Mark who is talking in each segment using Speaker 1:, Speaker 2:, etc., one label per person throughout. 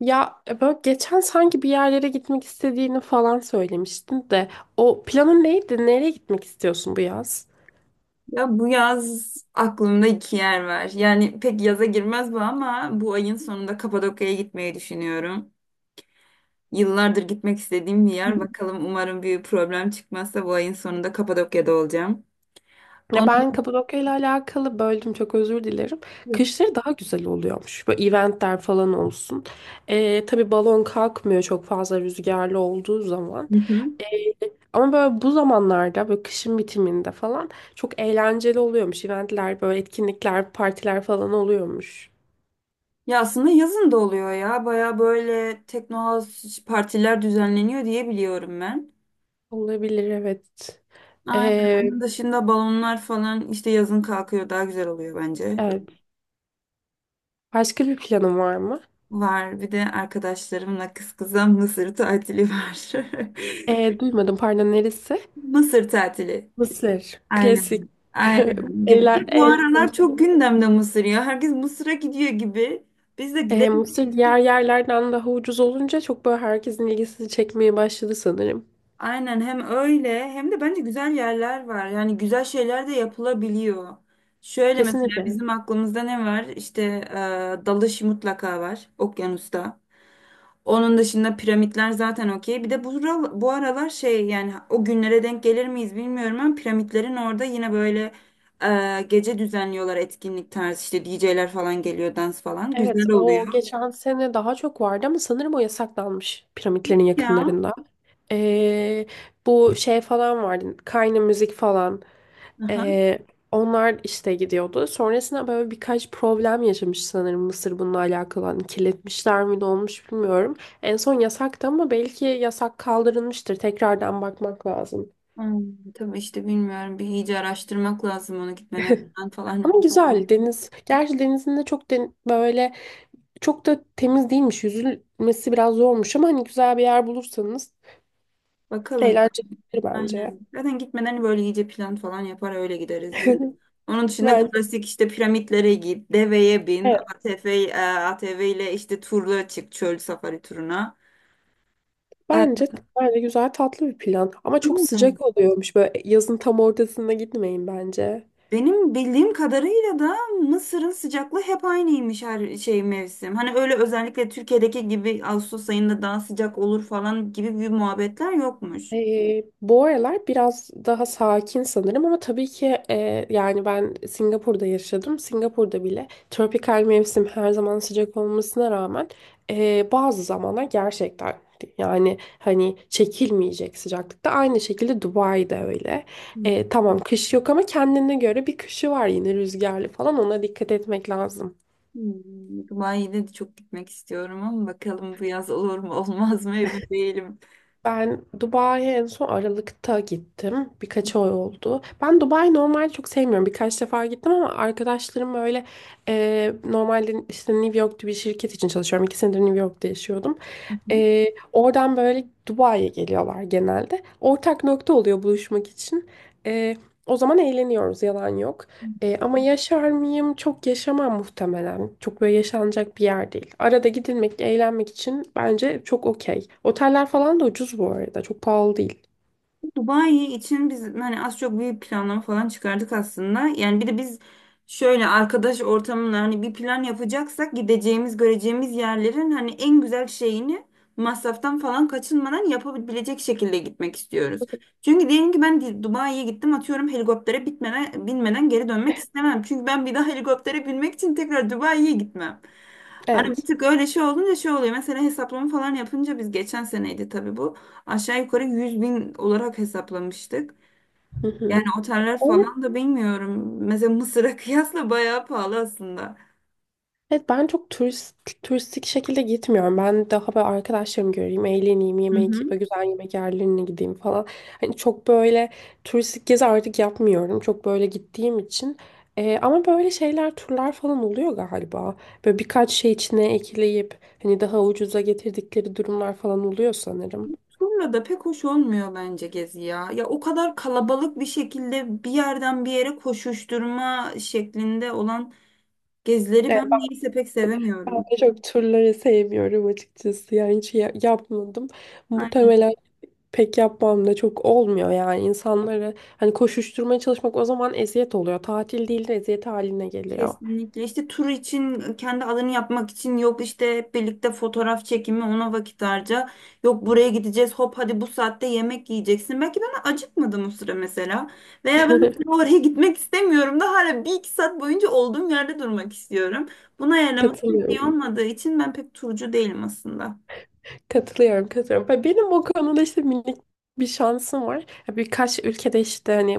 Speaker 1: Ya böyle geçen sanki bir yerlere gitmek istediğini falan söylemiştin de o planın neydi? Nereye gitmek istiyorsun bu yaz?
Speaker 2: Ya bu yaz aklımda iki yer var. Yani pek yaza girmez bu ama bu ayın sonunda Kapadokya'ya gitmeyi düşünüyorum. Yıllardır gitmek istediğim bir yer. Bakalım, umarım bir problem çıkmazsa bu ayın sonunda Kapadokya'da olacağım.
Speaker 1: Ya
Speaker 2: Onu...
Speaker 1: ben Kapadokya ile alakalı böldüm, çok özür dilerim. Kışları daha güzel oluyormuş. Böyle eventler falan olsun. Tabii balon kalkmıyor çok fazla rüzgarlı olduğu zaman.
Speaker 2: Hı hı.
Speaker 1: E, ama böyle bu zamanlarda böyle kışın bitiminde falan çok eğlenceli oluyormuş. Eventler böyle etkinlikler, partiler falan oluyormuş.
Speaker 2: Ya aslında yazın da oluyor ya. Baya böyle teknohouse partiler düzenleniyor diye biliyorum ben.
Speaker 1: Olabilir, evet. E,
Speaker 2: Aynen. Onun dışında balonlar falan işte yazın kalkıyor, daha güzel oluyor bence.
Speaker 1: evet. Başka bir planın var mı?
Speaker 2: Var, bir de arkadaşlarımla kız kıza Mısır tatili var.
Speaker 1: Duymadım, pardon, neresi?
Speaker 2: Mısır tatili.
Speaker 1: Mısır. Klasik.
Speaker 2: Aynen. Aynen. Ya
Speaker 1: Eyler,
Speaker 2: bir de bu
Speaker 1: el,
Speaker 2: aralar çok gündemde Mısır ya. Herkes Mısır'a gidiyor gibi. Biz de gidelim.
Speaker 1: Mısır diğer yerlerden daha ucuz olunca çok böyle herkesin ilgisini çekmeye başladı sanırım.
Speaker 2: Aynen, hem öyle hem de bence güzel yerler var. Yani güzel şeyler de yapılabiliyor. Şöyle mesela
Speaker 1: Kesinlikle.
Speaker 2: bizim aklımızda ne var? İşte dalış mutlaka var okyanusta. Onun dışında piramitler zaten okey. Bir de bu aralar şey, yani o günlere denk gelir miyiz bilmiyorum ama piramitlerin orada yine böyle gece düzenliyorlar, etkinlik tarzı, işte DJ'ler falan geliyor, dans falan.
Speaker 1: Evet,
Speaker 2: Güzel oluyor
Speaker 1: o geçen sene daha çok vardı ama sanırım o yasaklanmış piramitlerin
Speaker 2: ya.
Speaker 1: yakınlarında. Ee, bu şey falan vardı, Kayna müzik falan.
Speaker 2: Aha.
Speaker 1: Ee, onlar işte gidiyordu. Sonrasında böyle birkaç problem yaşamış sanırım Mısır bununla alakalı. Hani kirletmişler mi ne olmuş bilmiyorum. En son yasaktı ama belki yasak kaldırılmıştır. Tekrardan bakmak lazım.
Speaker 2: Hmm, tabii işte bilmiyorum, bir iyice araştırmak lazım onu gitmeden falan.
Speaker 1: Ama güzel deniz. Gerçi denizin de çok böyle çok da temiz değilmiş. Yüzülmesi biraz zormuş ama hani güzel bir yer bulursanız
Speaker 2: Bakalım.
Speaker 1: eğlencelidir bence.
Speaker 2: Aynen. Zaten gitmeden böyle iyice plan falan yapar öyle gideriz biz. Onun dışında
Speaker 1: Bence
Speaker 2: klasik işte piramitlere git, deveye bin,
Speaker 1: evet.
Speaker 2: ATV, ATV ile işte turla çık, çöl safari turuna.
Speaker 1: Bence
Speaker 2: E,
Speaker 1: bence güzel tatlı bir plan. Ama çok
Speaker 2: Aynen.
Speaker 1: sıcak oluyormuş. Böyle yazın tam ortasında gitmeyin bence.
Speaker 2: Benim bildiğim kadarıyla da Mısır'ın sıcaklığı hep aynıymış her şey mevsim. Hani öyle özellikle Türkiye'deki gibi Ağustos ayında daha sıcak olur falan gibi bir muhabbetler yokmuş.
Speaker 1: Bu aralar biraz daha sakin sanırım ama tabii ki yani ben Singapur'da yaşadım. Singapur'da bile tropikal mevsim her zaman sıcak olmasına rağmen bazı zamanlar gerçekten yani hani çekilmeyecek sıcaklıkta. Aynı şekilde Dubai'de öyle.
Speaker 2: Hmm.
Speaker 1: Tamam, kış yok ama kendine göre bir kışı var, yine rüzgarlı falan, ona dikkat etmek lazım.
Speaker 2: Hmm. Dubai'de de çok gitmek istiyorum ama bakalım bu yaz olur mu olmaz mı, emin değilim.
Speaker 1: Ben Dubai'ye en son Aralık'ta gittim. Birkaç ay oldu. Ben Dubai'yi normalde çok sevmiyorum. Birkaç defa gittim ama arkadaşlarım böyle normalde işte New York'ta bir şirket için çalışıyorum. 2 senedir New York'ta yaşıyordum. E, oradan böyle Dubai'ye geliyorlar genelde. Ortak nokta oluyor buluşmak için. E, o zaman eğleniyoruz, yalan yok. Ama yaşar mıyım? Çok yaşamam muhtemelen. Çok böyle yaşanacak bir yer değil. Arada gidilmek, eğlenmek için bence çok okey. Oteller falan da ucuz bu arada. Çok pahalı değil.
Speaker 2: Dubai için biz hani az çok bir planlama falan çıkardık aslında. Yani bir de biz şöyle arkadaş ortamında hani bir plan yapacaksak gideceğimiz, göreceğimiz yerlerin hani en güzel şeyini masraftan falan kaçınmadan yapabilecek şekilde gitmek istiyoruz. Çünkü diyelim ki ben Dubai'ye gittim, atıyorum, helikoptere binmeden geri dönmek istemem. Çünkü ben bir daha helikoptere binmek için tekrar Dubai'ye gitmem. Hani bir
Speaker 1: Evet.
Speaker 2: tık öyle şey olunca şey oluyor. Mesela hesaplama falan yapınca, biz geçen seneydi tabii bu, aşağı yukarı 100 bin olarak hesaplamıştık.
Speaker 1: Hı
Speaker 2: Yani
Speaker 1: hı.
Speaker 2: oteller falan da bilmiyorum. Mesela Mısır'a kıyasla bayağı pahalı aslında.
Speaker 1: Evet, ben çok turistik şekilde gitmiyorum. Ben daha böyle arkadaşlarımı göreyim, eğleneyim,
Speaker 2: Hı
Speaker 1: yemek,
Speaker 2: hı.
Speaker 1: böyle güzel yemek yerlerine gideyim falan. Hani çok böyle turistik gezi artık yapmıyorum. Çok böyle gittiğim için. Ama böyle şeyler, turlar falan oluyor galiba. Böyle birkaç şey içine ekleyip hani daha ucuza getirdikleri durumlar falan oluyor sanırım.
Speaker 2: Turla da pek hoş olmuyor bence gezi ya. Ya o kadar kalabalık bir şekilde bir yerden bir yere koşuşturma şeklinde olan gezileri
Speaker 1: Evet,
Speaker 2: ben niyeyse pek
Speaker 1: ben
Speaker 2: sevemiyorum.
Speaker 1: de çok turları sevmiyorum açıkçası. Yani hiç yapmadım.
Speaker 2: Aynen.
Speaker 1: Muhtemelen pek yapmam da, çok olmuyor yani insanları hani koşuşturmaya çalışmak, o zaman eziyet oluyor. Tatil değil de eziyet haline geliyor.
Speaker 2: Kesinlikle, işte tur için kendi alanı yapmak için yok, işte hep birlikte fotoğraf çekimi, ona vakit harca, yok buraya gideceğiz, hop hadi bu saatte yemek yiyeceksin, belki ben acıkmadım o sıra mesela, veya ben o sıra oraya gitmek istemiyorum da hala bir iki saat boyunca olduğum yerde durmak istiyorum. Buna ayarlaması pek iyi
Speaker 1: Katılıyorum.
Speaker 2: olmadığı için ben pek turcu değilim aslında.
Speaker 1: Katılıyorum, katılıyorum. Ve benim o konuda işte minik bir şansım var. Ya birkaç ülkede işte hani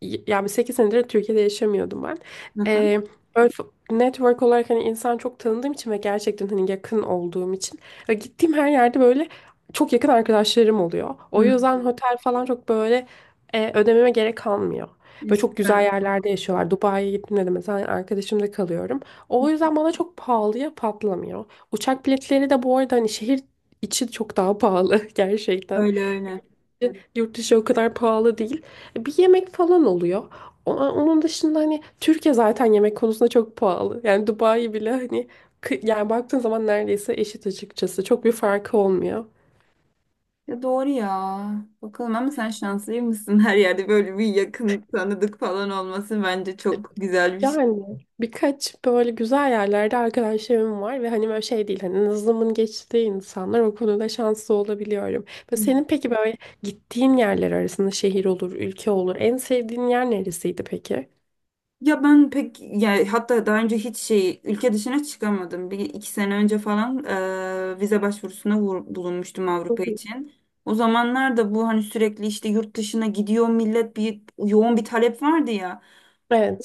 Speaker 1: yani 8 senedir Türkiye'de yaşamıyordum ben.
Speaker 2: Hı hı.
Speaker 1: Ee, böyle network olarak hani insan çok tanıdığım için ve gerçekten hani yakın olduğum için ve gittiğim her yerde böyle çok yakın arkadaşlarım oluyor. O
Speaker 2: Hı,
Speaker 1: yüzden otel falan çok böyle ödememe gerek kalmıyor.
Speaker 2: ne
Speaker 1: Böyle çok güzel
Speaker 2: süper.
Speaker 1: yerlerde yaşıyorlar. Dubai'ye gittiğimde de mesela arkadaşımda kalıyorum. O yüzden bana çok pahalıya patlamıyor. Uçak biletleri de bu arada hani şehir İçi çok daha pahalı gerçekten.
Speaker 2: Öyle öyle.
Speaker 1: Yurt dışı o kadar pahalı değil. Bir yemek falan oluyor. Onun dışında hani Türkiye zaten yemek konusunda çok pahalı. Yani Dubai bile hani yani baktığın zaman neredeyse eşit açıkçası. Çok bir farkı olmuyor.
Speaker 2: Ya doğru ya. Bakalım ama sen şanslı mısın? Her yerde böyle bir yakın tanıdık falan olması bence çok güzel bir şey.
Speaker 1: Yani birkaç böyle güzel yerlerde arkadaşlarım var ve hani böyle şey değil, hani nazımın geçtiği insanlar, o konuda şanslı olabiliyorum. Ve
Speaker 2: Hmm.
Speaker 1: senin peki böyle gittiğin yerler arasında şehir olur, ülke olur, en sevdiğin yer neresiydi peki?
Speaker 2: Ya ben pek, yani hatta daha önce hiç şey, ülke dışına çıkamadım. Bir iki sene önce falan vize başvurusuna bulunmuştum
Speaker 1: Hı
Speaker 2: Avrupa
Speaker 1: hı.
Speaker 2: için. O zamanlar da bu hani sürekli işte yurt dışına gidiyor millet, bir yoğun bir talep vardı ya.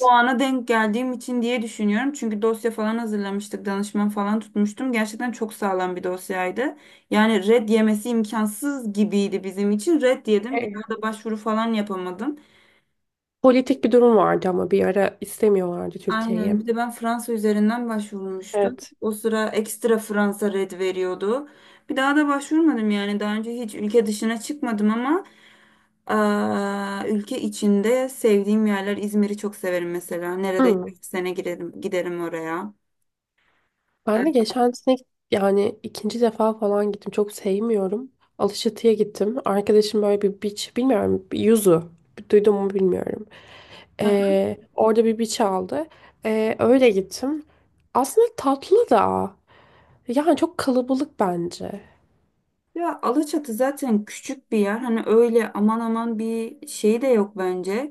Speaker 2: Bu ana denk geldiğim için diye düşünüyorum. Çünkü dosya falan hazırlamıştık, danışman falan tutmuştum. Gerçekten çok sağlam bir dosyaydı. Yani red yemesi imkansız gibiydi bizim için. Red yedim. Bir
Speaker 1: E,
Speaker 2: daha da başvuru falan yapamadım.
Speaker 1: politik bir durum vardı ama bir ara istemiyorlardı Türkiye'yi.
Speaker 2: Aynen. Bir de ben Fransa üzerinden başvurmuştum.
Speaker 1: Evet.
Speaker 2: O sıra ekstra Fransa red veriyordu. Bir daha da başvurmadım yani. Daha önce hiç ülke dışına çıkmadım ama ülke içinde sevdiğim yerler, İzmir'i çok severim mesela. Neredeyse bir sene giderim, giderim oraya.
Speaker 1: Ben de geçen sene yani ikinci defa falan gittim. Çok sevmiyorum. Alaçatı'ya gittim. Arkadaşım böyle bir beach, bilmiyorum, bir Yuzu. Duydum mu bilmiyorum.
Speaker 2: Aha.
Speaker 1: Orada bir beach aldı. Öyle gittim. Aslında tatlı da. Yani çok kalabalık bence.
Speaker 2: Ya Alaçatı zaten küçük bir yer. Hani öyle aman aman bir şey de yok bence.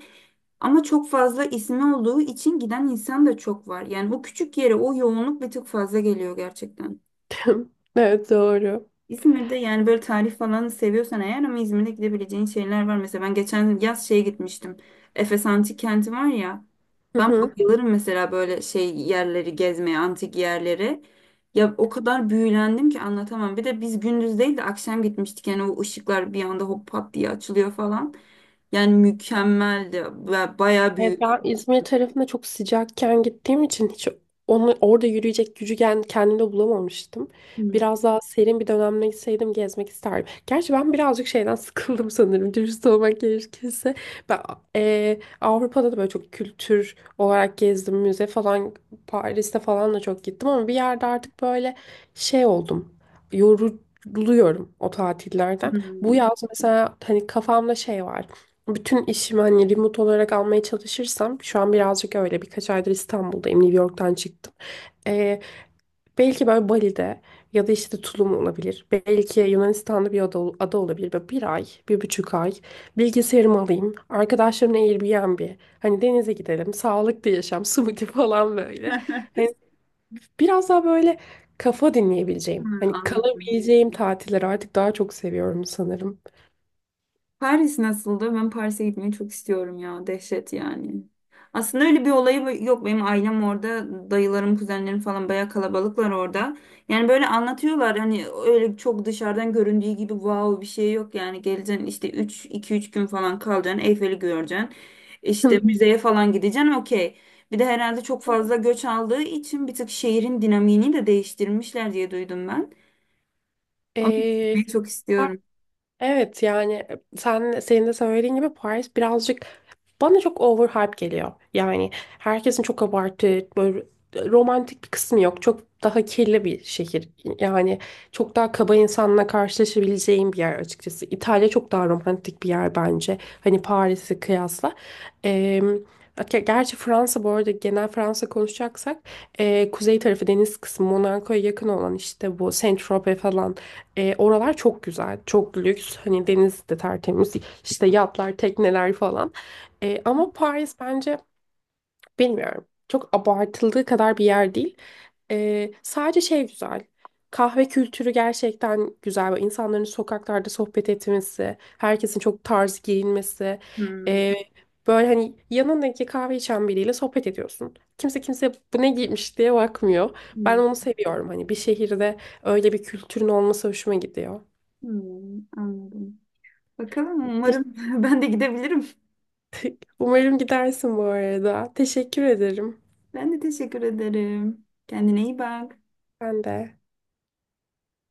Speaker 2: Ama çok fazla ismi olduğu için giden insan da çok var. Yani o küçük yere o yoğunluk bir tık fazla geliyor gerçekten.
Speaker 1: Evet, doğru.
Speaker 2: İzmir'de, yani böyle tarih falan seviyorsan eğer, ama İzmir'de gidebileceğin şeyler var. Mesela ben geçen yaz şeye gitmiştim. Efes Antik Kenti var ya. Ben bayılırım mesela böyle şey yerleri gezmeye, antik yerleri. Ya o kadar büyülendim ki anlatamam. Bir de biz gündüz değil de akşam gitmiştik. Yani o ışıklar bir anda hop pat diye açılıyor falan. Yani mükemmeldi. Ve bayağı
Speaker 1: Evet,
Speaker 2: büyük.
Speaker 1: ben İzmir tarafında çok sıcakken gittiğim için hiç onu orada yürüyecek gücü kendimde bulamamıştım.
Speaker 2: Hmm.
Speaker 1: Biraz daha serin bir dönemde gitseydim gezmek isterdim. Gerçi ben birazcık şeyden sıkıldım sanırım, dürüst olmak gerekirse. Ben Avrupa'da da böyle çok kültür olarak gezdim. Müze falan, Paris'te falan da çok gittim ama bir yerde artık böyle şey oldum. Yoruluyorum o tatillerden. Bu
Speaker 2: Hmm.
Speaker 1: yaz mesela hani kafamda şey var. Bütün işimi hani remote olarak almaya çalışırsam, şu an birazcık öyle, birkaç aydır İstanbul'dayım, New York'tan çıktım. Ee, belki böyle Bali'de ya da işte Tulum olabilir. Belki Yunanistan'da bir ada olabilir. Böyle bir ay, 1,5 ay bilgisayarımı alayım. Arkadaşlarımla Airbnb. Hani denize gidelim, sağlıklı yaşam, smoothie falan böyle. Hani biraz daha böyle kafa dinleyebileceğim,
Speaker 2: Ha,
Speaker 1: hani
Speaker 2: Anladım.
Speaker 1: kalabileceğim tatilleri artık daha çok seviyorum sanırım.
Speaker 2: Paris nasıldı? Ben Paris'e gitmeyi çok istiyorum ya. Dehşet yani. Aslında öyle bir olayı yok. Benim ailem orada. Dayılarım, kuzenlerim falan bayağı kalabalıklar orada. Yani böyle anlatıyorlar. Hani öyle çok dışarıdan göründüğü gibi wow bir şey yok. Yani geleceksin işte üç iki üç gün falan kalacaksın. Eyfel'i göreceksin. İşte müzeye falan gideceksin. Okey. Bir de herhalde çok fazla göç aldığı için bir tık şehrin dinamiğini de değiştirmişler diye duydum ben. Ama
Speaker 1: Ee,
Speaker 2: gitmeyi çok istiyorum.
Speaker 1: evet yani sen, senin de söylediğin gibi Paris birazcık bana çok overhype geliyor. Yani herkesin çok abartı, böyle romantik bir kısmı yok. Çok daha kirli bir şehir. Yani çok daha kaba insanla karşılaşabileceğim bir yer açıkçası. İtalya çok daha romantik bir yer bence. Hani Paris'i kıyasla. Ee, gerçi Fransa, bu arada genel Fransa konuşacaksak kuzey tarafı, deniz kısmı, Monaco'ya yakın olan işte bu Saint-Tropez falan, oralar çok güzel. Çok lüks. Hani deniz de tertemiz. İşte yatlar, tekneler falan. Ama Paris bence, bilmiyorum, çok abartıldığı kadar bir yer değil. Sadece şey güzel. Kahve kültürü gerçekten güzel. Böyle İnsanların sokaklarda sohbet etmesi, herkesin çok tarz giyinmesi.
Speaker 2: Hmm,
Speaker 1: E, böyle hani yanındaki kahve içen biriyle sohbet ediyorsun. Kimse bu ne giymiş diye bakmıyor. Ben
Speaker 2: hmm,
Speaker 1: onu seviyorum. Hani bir şehirde öyle bir kültürün olması hoşuma gidiyor.
Speaker 2: hmm, anladım. Bakalım,
Speaker 1: Te-
Speaker 2: umarım ben de gidebilirim.
Speaker 1: Umarım gidersin bu arada. Teşekkür ederim.
Speaker 2: Ben de teşekkür ederim. Kendine iyi bak.
Speaker 1: Ben de.